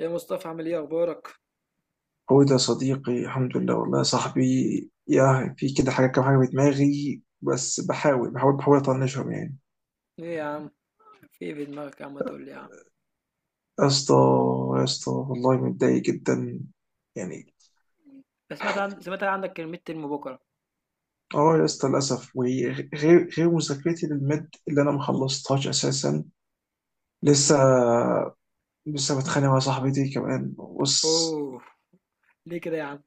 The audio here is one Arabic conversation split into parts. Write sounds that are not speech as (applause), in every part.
يا مصطفى عامل ايه اخبارك؟ هو ده صديقي, الحمد لله. والله يا صاحبي, يا في كده حاجة, كام حاجة في دماغي, بس بحاول أطنشهم يعني. ايه يا عم؟ في ايه في دماغك يا عم؟ تقول لي يا عم. يا اسطى, يا اسطى, والله متضايق جدا يعني. بس سمعت عن عندك الميد ترم بكره. اه يا اسطى, للأسف, وغير غير مذاكرتي للمد اللي أنا ما خلصتهاش أساسا, لسه. امم. بتخانق مع صاحبتي كمان. بص, اوه. ليه كده يا عم؟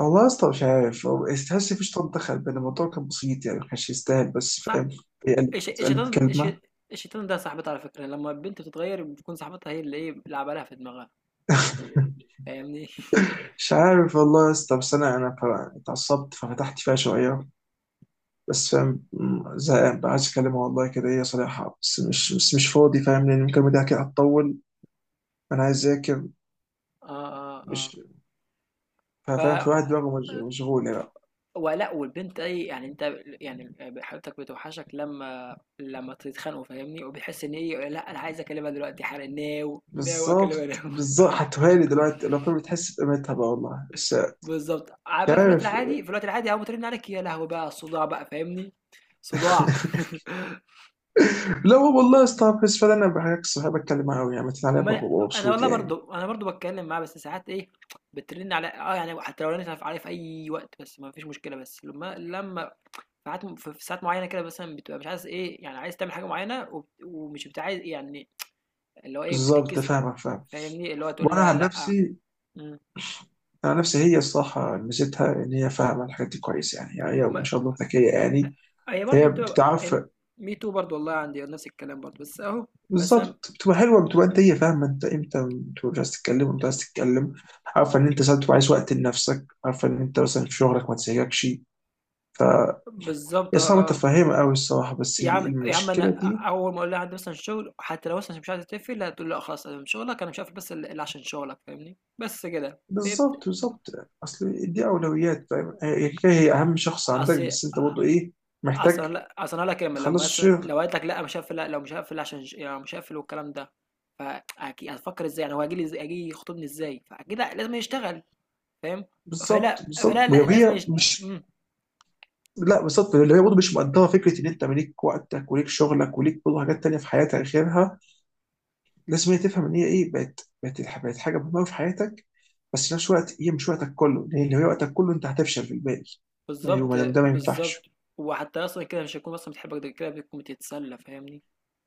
والله يا اسطى مش عارف, هو تحس مفيش طن دخل, بين الموضوع كان بسيط يعني, ما كانش يستاهل, بس صح. فاهم. هي قالت الش- قالت الشيطان ده- الش... كلمة. الشيطان ده صاحبتها على فكره. لما البنت بتتغير بتكون صاحبتها هي اللي ايه، بيلعب عليها في دماغها. فاهمني؟ (laughs) مش عارف والله يا اسطى, بس اتعصبت ففتحت فيها شويه. بس فاهم, زهقان بقى, عايز اكلمها والله كده, هي صريحه, بس مش فاضي فاهم, لان المكالمه دي كده هتطول. انا عايز اذاكر, اه اه اه. مش ف فاهم, في واحد دماغه مشغوله بقى. ولا والبنت اي يعني انت يعني حبيبتك بتوحشك لما تتخانقوا، فاهمني؟ وبتحس ان ايه، لا انا عايز اكلمها دلوقتي حالا، ناو ناو اكلمها بالظبط, ناو. بالظبط, (laughs) هتهالي دلوقتي لو فاهم, بتحس بقيمتها بقى والله, بس. بالضبط. ع مش بقى في الوقت عارف. العادي، أول ما ترن عليك يا لهوي بقى على الصداع بقى، فاهمني؟ صداع. (laughs) (laughs) لا, هو والله يا اسطى, بس فعلا انا بحكي صحابي, بتكلم معاهم يعني, مثلا انا ببقى ما أنا مبسوط والله يعني. برضه، أنا برضه باتكلم معاها، بس ساعات إيه، بترن عليَّ. آه، يعني حتى لو رنت ف عليَّ في أي وقت بس ما فيش مشكلة. بس لما ساعات في ساعات معينة كده مثلًا بتبقى مش عايز إيه، يعني عايز تعمل حاجة معينة وبت ومش بت عايز يعني اللي هو إيه، بالظبط, بتتكسف. فاهمك فاهم. فاهمني؟ اللي هو تقول وانا لها عن لأ. نفسي, إمم. انا نفسي هي الصراحه ميزتها ان هي فاهمه الحاجات دي كويس يعني, هي ما ما شاء الله ذكيه يعني. هي برضه فهي بتبقى بتعرف. ال me too برضه، والله عندي نفس الكلام برضه، بس أهو. بس م بالظبط, بتبقى حلوه, بتبقى انت, هي فاهمه انت امتى بتبقى مش عايز تتكلم وامتى عايز تتكلم. عارفه ان انت ساعات بتبقى عايز وقت لنفسك, عارفه ان انت مثلا في شغلك ما تسيبكش. بالضبط. هي آه، صعبه آه. تفهمها قوي الصراحه, بس يا عم يا عم انا المشكله دي. اول ما اقول لها عندي مثلا شغل، حتى لو مثلا مش عايزه تقفل هتقول لا خلاص انا من شغلك انا مش هقفل، بس الا عشان شغلك، فاهمني؟ بس كده فهمت. بالظبط, بالظبط, اصل دي اولويات فاهم, هي اهم شخص عندك, اصل بس انت برضه ايه اصل محتاج لا اصل انا كامل تخلص لما مثلا الشغل. لو قالت لك لا مش هقفل، لا لو مش هقفل يعني مش هقفل والكلام ده، فاكيد هتفكر ازاي يعني هو هيجي يخطبني ازاي، فاكيد لازم يشتغل، فاهم؟ بالظبط, فلا بالظبط, فلا ولو لا لازم هي مش. مم. لا بالظبط, اللي هي برضه مش مقدره فكره ان انت ليك وقتك وليك شغلك وليك برضه حاجات تانيه في حياتك غيرها. لازم هي تفهم ان هي ايه, بقت حاجه مهمه في حياتك. بس في نفس الوقت هي مش وقتك كله, لان لو هي وقتك كله انت هتفشل في الباقي. ايوه, بالظبط ما دام ده ما بالظبط. ينفعش. وحتى اصلا كده مش هيكون اصلا بتحبك، ده كده بتكون بتتسلى، فاهمني؟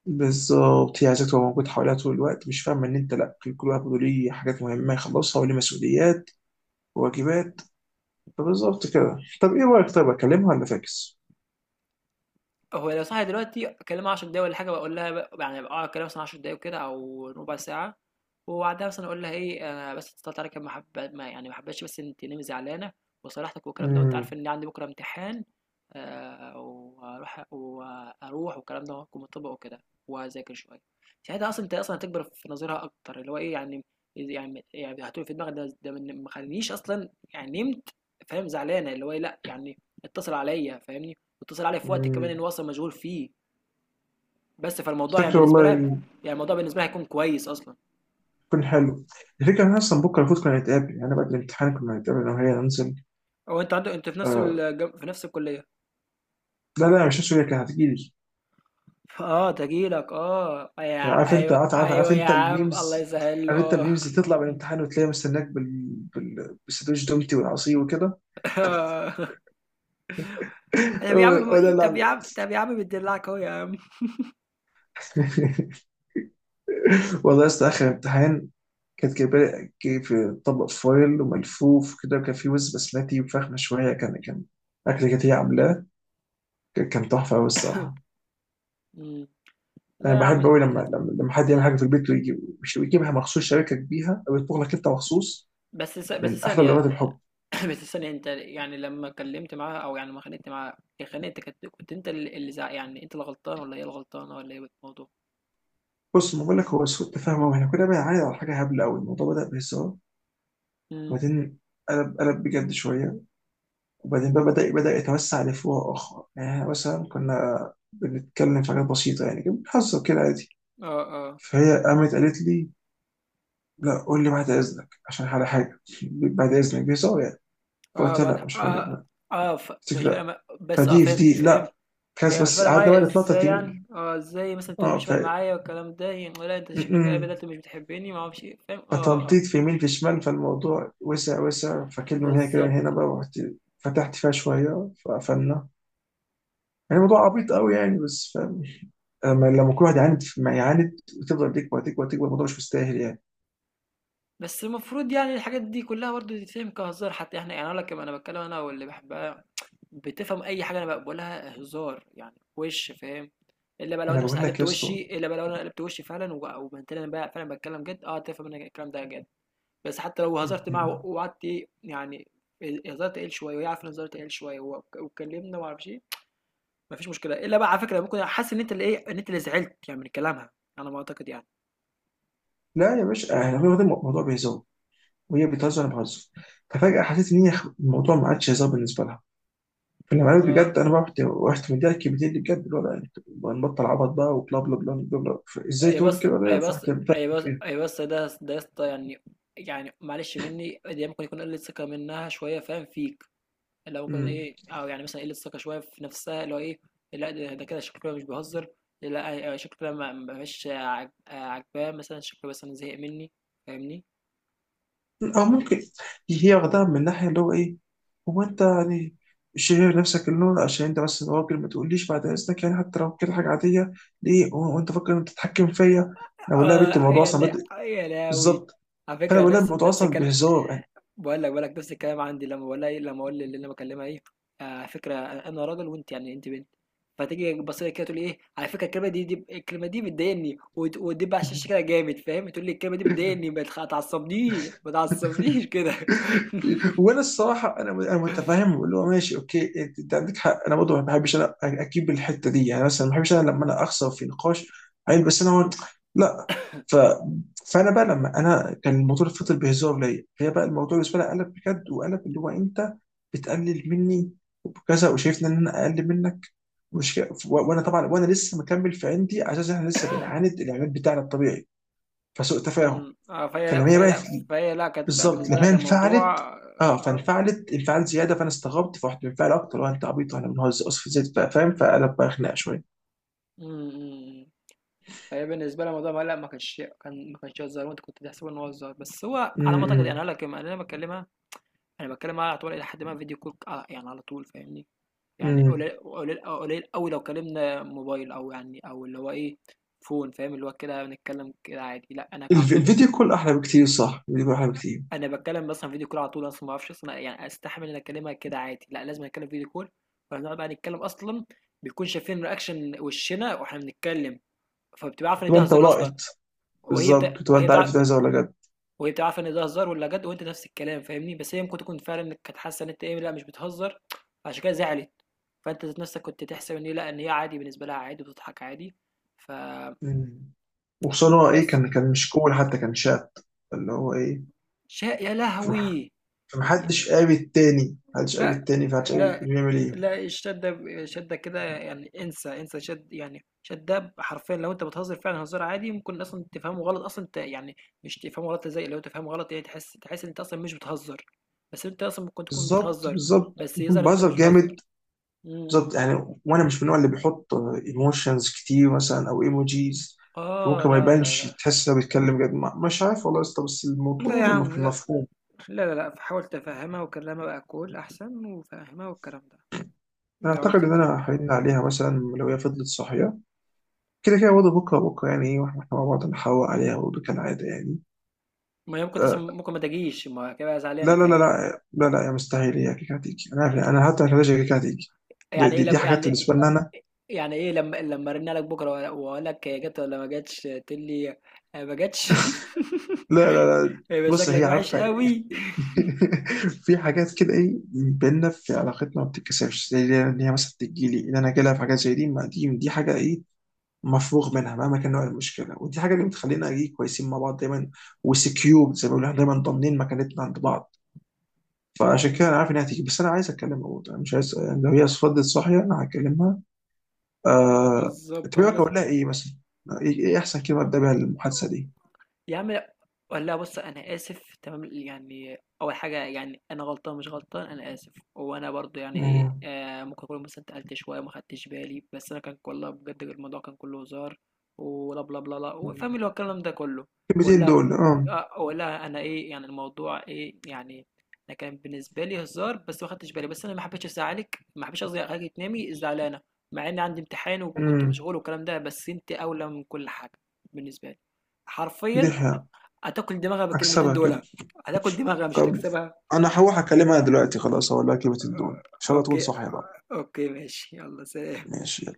بالظبط, هي عايزاك تبقى موجود حواليها طول الوقت, مش فاهمه ان انت لا, كل واحد برضه ليه حاجات مهمه يخلصها وليه مسؤوليات وواجبات. فبالظبط كده. طب ايه رايك, طيب اكلمها ولا فاكس؟ هو لو صاحي دلوقتي اكلمها 10 دقايق ولا حاجه، يعني اه اكلمها مثلا 10 دقايق كده او ربع ساعه، وبعدها مثلا اقول لها ايه انا بس اتصلت عليك، ما حب ما يعني ما حبيتش، بس انت نمي زعلانه وصالحتك والكلام ده، وانت امم عارفه ان عندي بكره امتحان، آه، واروح والكلام ده، وهكون مطبق وكده وهذاكر شويه. ساعتها اصلا انت اصلا هتكبر في نظرها اكتر، اللي هو ايه يعني يعني هتقول في دماغك ما خلينيش اصلا يعني نمت، فاهم؟ زعلانه، اللي هو إيه، لا يعني اتصل عليا، فاهمني؟ واتصل عليا في وقت كمان ان امم هو اصلا مشغول فيه، بس فالموضوع يعني فاكر بالنسبه لها، والله, يعني الموضوع بالنسبه لها هيكون كويس اصلا. كان حلو. الفكرة إن أنا أصلا بكرة المفروض كنا نتقابل, يعني أنا بعد الامتحان كنا نتقابل أنا وهي, ننزل. هو انت عندك انت في نفس آه. في نفس الكليه؟ لا, لا, مش هسوي, كانت هتجيلي. اه تجيلك، اه يا كان عارف أنت, ايوه ايوه يا عم، الله يسهل له، عارف أنت اه. الميمز اللي تطلع من الامتحان وتلاقيها مستناك بال... بالسندوتش دومتي والعصير وكده. (laughs) (laughs) طب يا عم، ولا طب لا. يا عم طب يا عم بتدلعك اهو يا عم. (laughs) والله يا اسطى, آخر امتحان كانت جايبة لي, جايب طبق فويل وملفوف وكده, وكان فيه وز بسمتي وفخمة شوية, كان أكل كانت هي عاملاه, كان تحفة أوي الصراحة. مم. انا لا يا بحب عم. قوي لما حد يعمل حاجه في البيت ويجي مش ويجيبها مخصوص, شاركك بيها او يطبخ لك انت مخصوص. بس من احلى ثانية، لغات الحب. (coughs) (clears throat) بس ثانية، انت يعني لما كلمت معاها او يعني لما خانقت معاها، خانقت، كنت انت يعني انت اللي غلطان ولا هي الغلطانة ولا ايه الموضوع؟ بص ما بقول لك, هو سوء تفاهم, واحنا كنا بنعاند على حاجه هبله قوي. الموضوع بدا بهزار, مم. وبعدين قلب بجد شويه, وبعدين بقى بدا يتوسع لفروع اخرى. يعني إحنا مثلا كنا بنتكلم في حاجات بسيطه, يعني كنا بنهزر كده عادي. اه اه فهي قامت قالت لي: لا قول لي بعد اذنك عشان على حاجه, (laughs) بعد اذنك بهزار يعني. اه. فقلت لها: بعد لا مش هقول لك اه. بقى. اه ف... قالت مش لي: فارق لا, مع... بس اه فدي في فهمت دي فهمت. لا كاس, يعني مش بس فارق قعدنا معايا بقى نتنطط ازاي يعني، يمين. اه ازاي مثلا تقول اه مش ف فارق معايا والكلام ده؟ يعني ولا انت شكلك كده م-م. بدأت مش بتحبني، ما اعرفش ايه، فاهم؟ اه اه. فتنطيط في يمين في شمال, فالموضوع وسع وسع, فكلمة من هنا كده, من هنا بالظبط. بقى, ورحت فتحت فيها شوية, فقفلنا. يعني الموضوع عبيط قوي يعني, بس فاهم, لما كل واحد يعاند ما يعاند وتفضل تكبر تكبر تكبر, الموضوع مش مستاهل يعني. بس المفروض يعني الحاجات دي كلها برضه تتفهم كهزار حتى، احنا يعني اقول لك، انا بتكلم انا واللي بحبها بتفهم اي حاجه انا بقولها هزار يعني، وش فاهم؟ الا بقى لو انا انا مثلا بقول لك قلبت يا اسطى. وشي، الا بقى لو انا قلبت وشي فعلا وبنت انا بقى فعلا بتكلم جد، اه تفهم ان الكلام ده جد. بس حتى لو هزرت معاه م-م. وقعدت ايه يعني، هزرت قليل شويه وهي عارفه ان هزرت قليل شويه واتكلمنا وما اعرفش ايه، مفيش مشكله. الا بقى على فكره ممكن حاسس ان انت اللي ايه، ان انت اللي زعلت يعني من كلامها، على ما اعتقد يعني. لا يا باشا, احنا الموضوع بيهزر, وهي بتهزر, انا بهزر, ففجأة حسيت ان هي الموضوع ما عادش هزار بالنسبة لها. في الامارات آه، بجد, انا بقى رحت مديها كبدين بجد, اللي هو لا انت, نبطل عبط بقى وبلا بلا بلا بلا بلا. ازاي اي تقول بس كده, اي ده في بس واحده بتعمل اي بس فيها. اي بس ده يا اسطى، يعني يعني معلش مني دي ممكن يكون قله ثقه منها شويه، فاهم فيك؟ اللي هو ممكن مم. ايه، او يعني مثلا قله ثقه شويه في نفسها، اللي هو ايه. لا ده كده شكله كده مش بيهزر، لا شكله كده مش عاجباه، مثلا شكله مثلا زهق مني، فاهمني؟ او فاهم. ممكن هي واخداها من الناحيه اللي هو ايه, هو انت يعني شايف نفسك اللي هو, عشان انت بس راجل ما تقوليش بعد اذنك يعني, حتى لو كده حاجه عاديه. ليه هو انت فاكر إن انت تتحكم فيا؟ انا بقول لها: يا بنت اه الموضوع يا اصلا لا بادئ يا لاوي، بالظبط. على فانا فكره بقول لها: نفس الموضوع نفس اصلا الكلام. بهزار بقول لك نفس الكلام عندي، لما بقول لها ايه، لما اقول اللي انا بكلمها ايه، آه، على فكره انا راجل وانت يعني انت بنت، فتيجي تبص لي كده تقول لي ايه، على فكره الكلمه دي، الكلمه دي بتضايقني، وتدب على الشاشه يعني. كده جامد، فاهم؟ تقول لي الكلمه دي (laughs) بتضايقني، ما تخ- تعصبنيش ما تعصبنيش كده. (laughs) وانا الصراحه انا متفاهم اللي هو ماشي اوكي, انت عندك حق, انا برضه ما بحبش انا اجيب الحته دي يعني, مثلا ما بحبش انا لما انا اخسر في نقاش. عيل بس انا هون, لا. ف فانا بقى, لما انا كان الموضوع اللي فضل بهزار ليا, هي بقى الموضوع بالنسبه لي قلب بجد, وقلب اللي هو انت بتقلل مني, وكذا وشايفني ان انا اقل منك, مش كده. وانا طبعا, وانا لسه مكمل في عندي, على اساس احنا لسه بنعاند الاعلان بتاعنا الطبيعي, فسوء تفاهم. أمم، آه، فهي لا فلما هي فهي بقت لا فهي لا كانت بقى بالظبط بالنسبه لها لما هي كان انفعلت, موضوع اه اه آه، فانفعلت انفعال زياده, فانا استغربت فرحت منفعل اكتر, لو انت عبيط واحنا بنهزر اسف زيت بقى فاهم, فقلب بقى خناقه شويه. أمم، أمم، فهي بالنسبة لها موضوع مقلق، ما كانش هزار، وانت كنت تحسب ان هو هزار، بس هو على ما اعتقد يعني امم انا لما انا بكلمها انا بتكلم معاها على طول الى حد ما فيديو كول، يعني على طول فاهمني؟ يعني امم قليل قوي لو كلمنا موبايل او يعني او اللي هو ايه فون، فاهم؟ اللي هو كده بنتكلم كده عادي، لا انا على طول الفيديو بريك، كول احلى بكتير, صح, الفيديو كول احلى بكتير. انا بتكلم مثلا فيديو كول على طول، اصلا ما اعرفش اصلا يعني استحمل ان اكلمها كده عادي، لا لازم اتكلم فيديو كول. فبنقعد بقى نتكلم اصلا بيكون شايفين رياكشن وشنا واحنا بنتكلم، فبتبقى عارفه ان تبقى ده انت هزار اصلا. ولقط, بالظبط, تبقى وهي انت عارف ده بتاع، هزار ولا جد. وهي بتبقى عارفة إن ده هزار والّا جد، وأنت نفس الكلام فاهمني؟ بس هي ممكن تكون فعلًا انك كانت حاسة إن أنت إيه، لأ مش بتهزر، فعشان كده زعلِت. فأنت ذات نفسك كنت تحسب إن هي لأ، إن هي عادي بالنسبة لها عادي وبتضحك عادي، فبس. مم. وخصوصا هو ايه, كان مش كول حتى كان شات, اللي هو ايه, شا يا فمح- لهوي! ي فمحدش قاري التاني, محدش قاري لأ، التاني, فمحدش قاري لأ، بيعمل ايه. لأ الشدّة ب شدّة كده يعني، انسى، انسى شد يعني شدّة حرفيًا، لو أنت بتهزر فعلًا هزار عادي ممكن أصلًا تفهمه غلط أصلًا أنت يعني، مش تفهمه غلط تزعل، لو تفهمه غلط يعني تحس إن أنت أصلًا مش بتهزر، بس أنت أصلًا ممكن تكون بالظبط, بتهزر، بالظبط, بس يظهر يكون إن أنت بهزر مش جامد, بتهزر. إمم، بالظبط إمم. يعني, وانا مش من النوع اللي بيحط ايموشنز كتير مثلا او ايموجيز. آه، فممكن ما لا، لا، يبانش, لا، تحس انه بيتكلم جد, مش عارف والله يا اسطى, بس الموضوع لا يا برضه عم، لا، مفهوم. لا، لا، لأ، فحاول تفهّمها وكلّمها بأكُّول أحسن وفهّمها والكلام ده، انا لو اعتقد عرفت ان كده. انا هرن عليها مثلا لو هي فضلت صاحيه كده, كده برضه بكره بكره, يعني ايه, واحنا مع بعض نحاور عليها برضه كالعاده يعني. ما هي ممكن أصلًا آه, ممكن ما تجيش، ما هي هتبقى زعلانة لا, لا, لا, فاهمني؟ لا, لا, لا يا مستحيل, هي كيكه هتيجي, انا عارف, انا حتى مش هتيجي كيكه هتيجي. دي, يعني إيه دي, دي لب حاجات بالنسبه يعني؟ لنا, انا. يعني إيه لما لما أرن عليك بكرة وأقول لك هي جت ولا ما جتش تقول لي آه، ما جتش؟ لا, لا, لا, (laughs) يبقى بص هي شكلك وحش عارفه. (laughs) قوي. في حاجات كده ايه بينا في علاقتنا ما بتتكسرش, زي ان هي مثلا تجيلي ان انا جالها في حاجات زي دي, ما دي حاجه ايه مفروغ منها, مهما كان نوع المشكله, ودي حاجه اللي بتخلينا ايه كويسين مع بعض دايما. وسكيور, زي ما بيقولوا, إحنا دايما ضامنين مكانتنا عند بعض. فعشان كده مم. انا عارف انها هتيجي, بس انا عايز اتكلم برضه, انا مش عايز يعني, لو هي فضلت صاحيه انا هكلمها. بالظبط انت اه رأيك لازم. اقول لها ايه مثلا؟ ايه احسن كلمه ابدا بيها المحادثه دي؟ يا عم لا، لا، بص انا اسف تمام، يعني اول حاجه يعني انا غلطان مش غلطان انا اسف، وانا برضو يعني ايه مم. آه ممكن اكون مثلا اتقلت شويه ما خدتش بالي، بس انا كان والله بجد الموضوع كان كله هزار، ولا بلا بلا لا، فاهم اللي هو الكلام ده كله. الكلمتين ولا دول آه، ولا انا ايه يعني الموضوع ايه يعني؟ انا كان بالنسبه لي هزار بس ما خدتش بالي، بس انا ما حبيتش ازعلك، ما حبيتش قصدي اخليك تنامي زعلانه، مع ان عندي امتحان وكنت مم. مشغول والكلام ده، بس انت اولى من كل حاجه بالنسبه لي، دي حرفيا. حقيقة. هتاكل دماغها بالكلمتين اكسبها كده. دول. هتاكل دماغها مش طب هتكسبها. انا هروح اكلمها دلوقتي خلاص, اقول لها كلمة الدول ان شاء الله تكون اوكي. صاحية بقى. اوكي ماشي، يلا سلام. ماشي.